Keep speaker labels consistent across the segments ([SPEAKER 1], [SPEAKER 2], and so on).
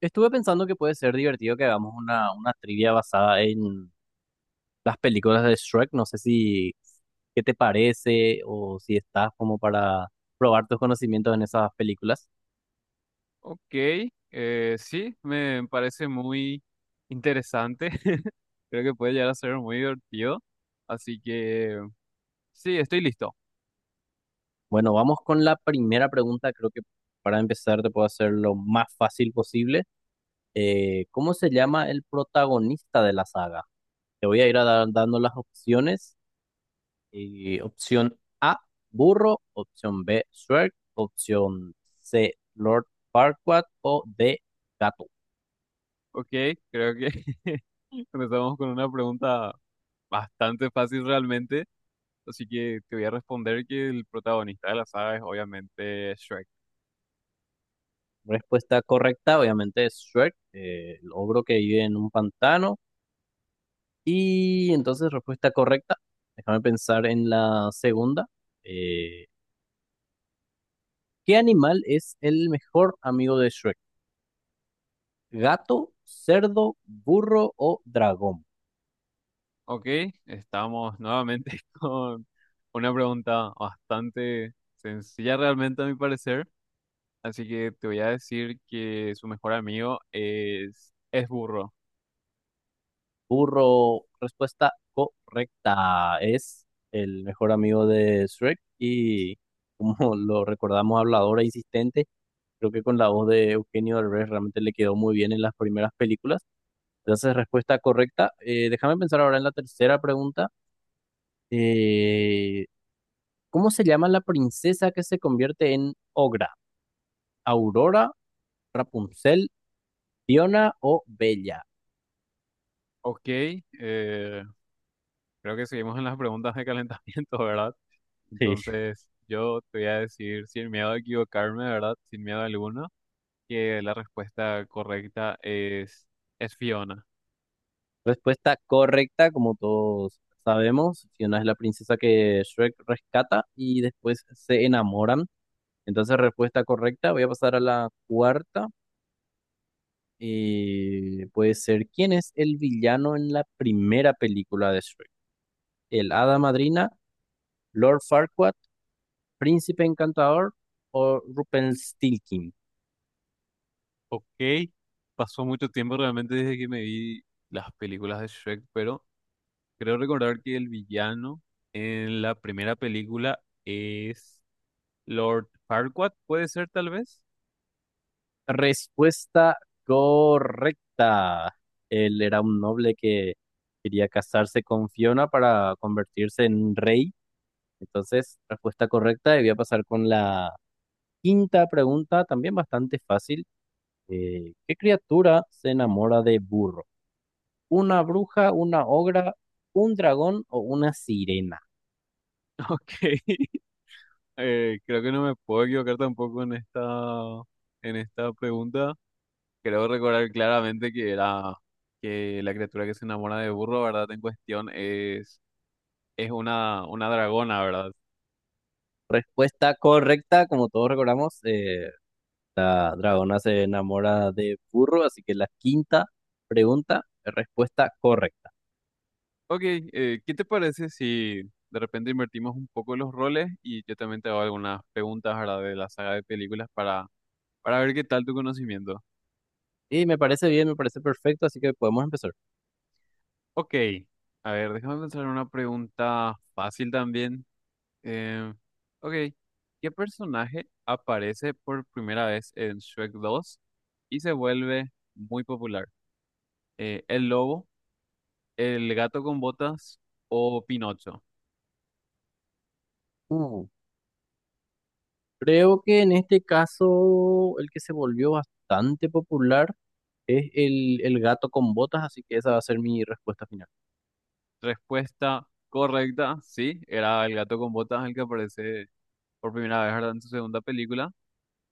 [SPEAKER 1] Estuve pensando que puede ser divertido que hagamos una trivia basada en las películas de Shrek. No sé si qué te parece o si estás como para probar tus conocimientos en esas películas.
[SPEAKER 2] Ok, sí, me parece muy interesante. Creo que puede llegar a ser muy divertido. Así que sí, estoy listo.
[SPEAKER 1] Bueno, vamos con la primera pregunta. Creo que para empezar te puedo hacer lo más fácil posible. ¿Cómo se llama el protagonista de la saga? Te voy a ir a dando las opciones. Opción A, burro. Opción B, Shrek. Opción C, Lord Farquaad. O D, gato.
[SPEAKER 2] Ok, creo que empezamos con una pregunta bastante fácil realmente. Así que te voy a responder que el protagonista de la saga es obviamente Shrek.
[SPEAKER 1] Respuesta correcta, obviamente, es Shrek, el ogro que vive en un pantano. Y entonces, respuesta correcta. Déjame pensar en la segunda. Eh, ¿Qué animal es el mejor amigo de Shrek? ¿Gato, cerdo, burro o dragón?
[SPEAKER 2] Ok, estamos nuevamente con una pregunta bastante sencilla realmente a mi parecer. Así que te voy a decir que su mejor amigo es burro.
[SPEAKER 1] Burro, respuesta correcta. Es el mejor amigo de Shrek y como lo recordamos, hablador e insistente. Creo que con la voz de Eugenio Derbez realmente le quedó muy bien en las primeras películas. Entonces, respuesta correcta. Déjame pensar ahora en la tercera pregunta. Eh, ¿Cómo se llama la princesa que se convierte en Ogra? ¿Aurora, Rapunzel, Fiona o Bella?
[SPEAKER 2] Ok, eh, creo que seguimos en las preguntas de calentamiento, ¿verdad?
[SPEAKER 1] Sí.
[SPEAKER 2] Entonces yo te voy a decir sin miedo a equivocarme, ¿verdad? Sin miedo alguno, que la respuesta correcta es Fiona.
[SPEAKER 1] Respuesta correcta, como todos sabemos, Fiona es la princesa que Shrek rescata y después se enamoran. Entonces, respuesta correcta. Voy a pasar a la cuarta. Puede ser, ¿quién es el villano en la primera película de Shrek? ¿El Hada Madrina, Lord Farquaad, Príncipe Encantador o Rumpelstiltskin?
[SPEAKER 2] Ok, pasó mucho tiempo realmente desde que me vi las películas de Shrek, pero creo recordar que el villano en la primera película es... Lord Farquaad, puede ser tal vez.
[SPEAKER 1] Respuesta correcta. Él era un noble que quería casarse con Fiona para convertirse en rey. Entonces, respuesta correcta. Y voy a pasar con la quinta pregunta, también bastante fácil. ¿Qué criatura se enamora de burro? ¿Una bruja, una ogra, un dragón o una sirena?
[SPEAKER 2] Ok, creo que no me puedo equivocar tampoco en esta, en esta pregunta. Creo recordar claramente que era que la criatura que se enamora de burro, ¿verdad? En cuestión es una dragona, ¿verdad?
[SPEAKER 1] Respuesta correcta, como todos recordamos, la dragona se enamora de burro, así que la quinta pregunta, respuesta correcta.
[SPEAKER 2] Ok, ¿qué te parece si de repente invertimos un poco los roles y yo también te hago algunas preguntas, ¿verdad? De la saga de películas para ver qué tal tu conocimiento.
[SPEAKER 1] Y me parece bien, me parece perfecto, así que podemos empezar.
[SPEAKER 2] Ok, a ver, déjame pensar en una pregunta fácil también. Eh, ok, ¿qué personaje aparece por primera vez en Shrek 2 y se vuelve muy popular? ¿El lobo, el gato con botas o Pinocho?
[SPEAKER 1] Uh, creo que en este caso el que se volvió bastante popular es el gato con botas, así que esa va a ser mi respuesta final.
[SPEAKER 2] Respuesta correcta, sí, era el gato con botas el que aparece por primera vez, ¿verdad? En su segunda película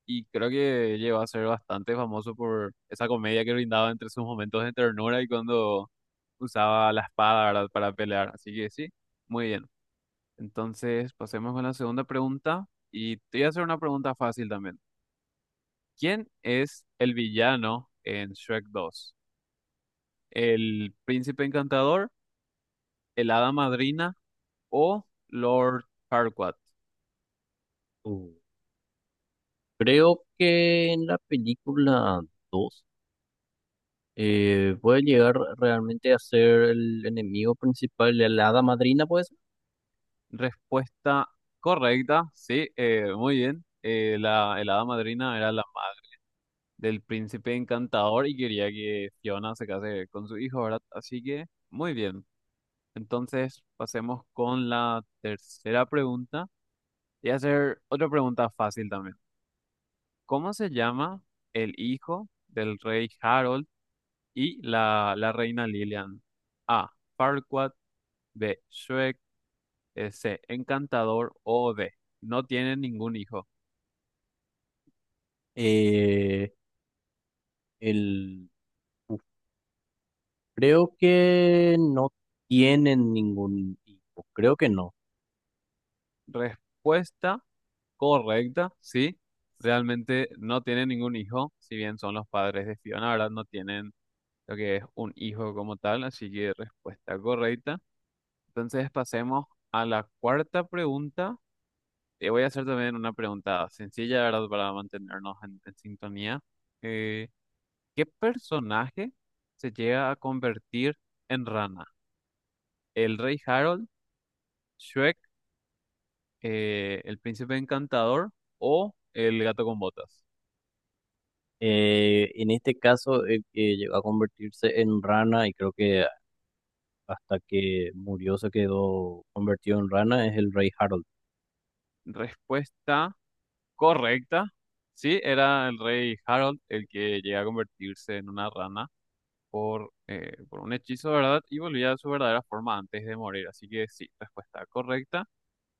[SPEAKER 2] y creo que llegó a ser bastante famoso por esa comedia que brindaba entre sus momentos de ternura y cuando usaba la espada, ¿verdad? Para pelear, así que sí, muy bien. Entonces, pasemos con la segunda pregunta y te voy a hacer una pregunta fácil también. ¿Quién es el villano en Shrek 2? ¿El príncipe encantador, el hada madrina o Lord Farquaad?
[SPEAKER 1] Uh, creo que en la película 2 puede llegar realmente a ser el enemigo principal de la hada madrina, pues.
[SPEAKER 2] Respuesta correcta, sí, muy bien. El hada madrina era la madre del príncipe encantador y quería que Fiona se case con su hijo, ¿verdad? Así que, muy bien. Entonces, pasemos con la tercera pregunta. Y hacer otra pregunta fácil también. ¿Cómo se llama el hijo del rey Harold y la reina Lilian? A. Farquaad, B. Shrek, C. Encantador o D. No tienen ningún hijo.
[SPEAKER 1] Eh, el, Creo que no tienen ningún hijo, creo que no.
[SPEAKER 2] Respuesta correcta, sí. Realmente no tienen ningún hijo, si bien son los padres de Fiona, ¿verdad? No tienen lo que es un hijo como tal, así que respuesta correcta. Entonces pasemos a la cuarta pregunta. Te voy a hacer también una pregunta sencilla, ¿verdad? Para mantenernos en sintonía. Eh, ¿Qué personaje se llega a convertir en rana? ¿El rey Harold, Shrek, el príncipe encantador o el gato con botas?
[SPEAKER 1] En este caso, el que llegó a convertirse en rana y creo que hasta que murió se quedó convertido en rana es el rey Harold.
[SPEAKER 2] Respuesta correcta. Sí, era el rey Harold el que llega a convertirse en una rana por un hechizo, ¿verdad? Y volvía a su verdadera forma antes de morir. Así que sí, respuesta correcta.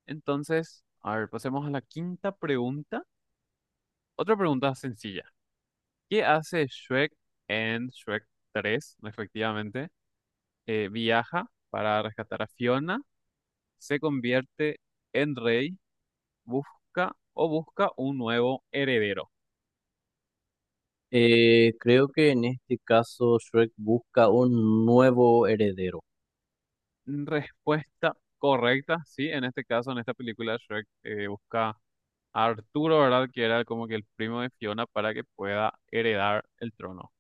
[SPEAKER 2] Entonces, a ver, pasemos a la quinta pregunta. Otra pregunta sencilla. ¿Qué hace Shrek en Shrek 3, respectivamente? Viaja para rescatar a Fiona, se convierte en rey, busca o busca un nuevo heredero.
[SPEAKER 1] Creo que en este caso Shrek busca un nuevo heredero.
[SPEAKER 2] Respuesta correcta, sí, en este caso, en esta película, Shrek busca a Arturo, ¿verdad? Que era como que el primo de Fiona para que pueda heredar el trono.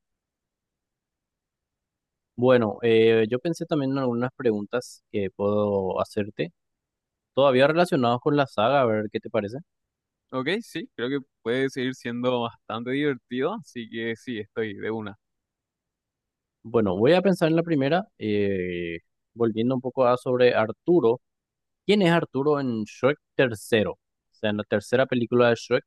[SPEAKER 1] Bueno, yo pensé también en algunas preguntas que puedo hacerte, todavía relacionadas con la saga, a ver qué te parece.
[SPEAKER 2] Ok, sí, creo que puede seguir siendo bastante divertido, así que sí, estoy de una.
[SPEAKER 1] Bueno, voy a pensar en la primera, volviendo un poco a sobre Arturo. ¿Quién es Arturo en Shrek tercero? O sea, en la tercera película de Shrek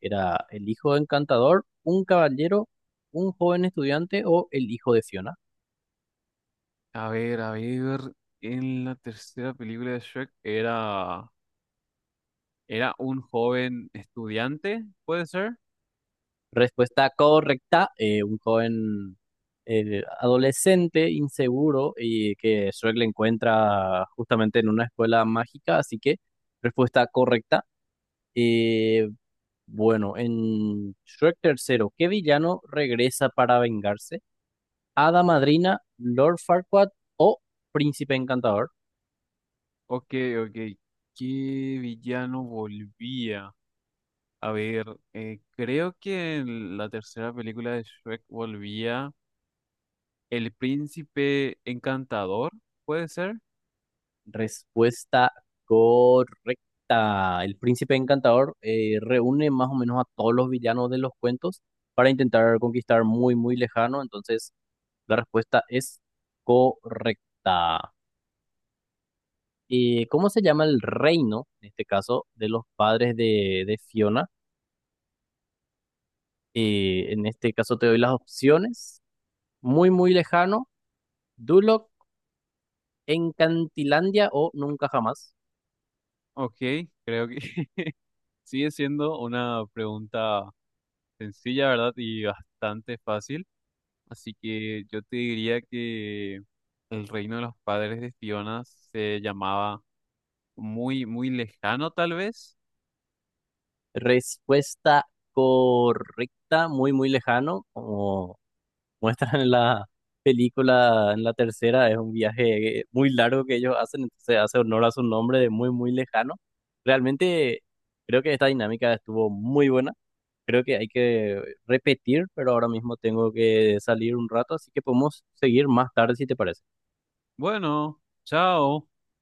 [SPEAKER 1] era el hijo de Encantador, un caballero, un joven estudiante o el hijo de Fiona.
[SPEAKER 2] A ver, en la tercera película de Shrek era, era un joven estudiante, ¿puede ser?
[SPEAKER 1] Respuesta correcta, un joven adolescente, inseguro y que Shrek le encuentra justamente en una escuela mágica, así que respuesta correcta. Eh, Bueno, en Shrek tercero, ¿qué villano regresa para vengarse? ¿Hada Madrina, Lord Farquaad o Príncipe Encantador?
[SPEAKER 2] Ok, ok, ¿qué villano volvía? A ver, creo que en la tercera película de Shrek volvía el príncipe encantador, ¿puede ser?
[SPEAKER 1] Respuesta correcta. El Príncipe Encantador reúne más o menos a todos los villanos de los cuentos para intentar conquistar muy, muy lejano. Entonces, la respuesta es correcta. ¿Cómo se llama el reino, en este caso, de los padres de Fiona? En este caso te doy las opciones. Muy, muy lejano. Duloc, Encantilandia o nunca jamás.
[SPEAKER 2] Ok, creo que sigue siendo una pregunta sencilla, ¿verdad? Y bastante fácil. Así que yo te diría que el reino de los padres de Fiona se llamaba muy, muy lejano, tal vez.
[SPEAKER 1] Respuesta correcta, muy, muy lejano. Como muestran en la película, en la tercera, es un viaje muy largo que ellos hacen, entonces hace honor a su nombre de muy, muy lejano. Realmente creo que esta dinámica estuvo muy buena. Creo que hay que repetir, pero ahora mismo tengo que salir un rato, así que podemos seguir más tarde si te parece.
[SPEAKER 2] Bueno, chao.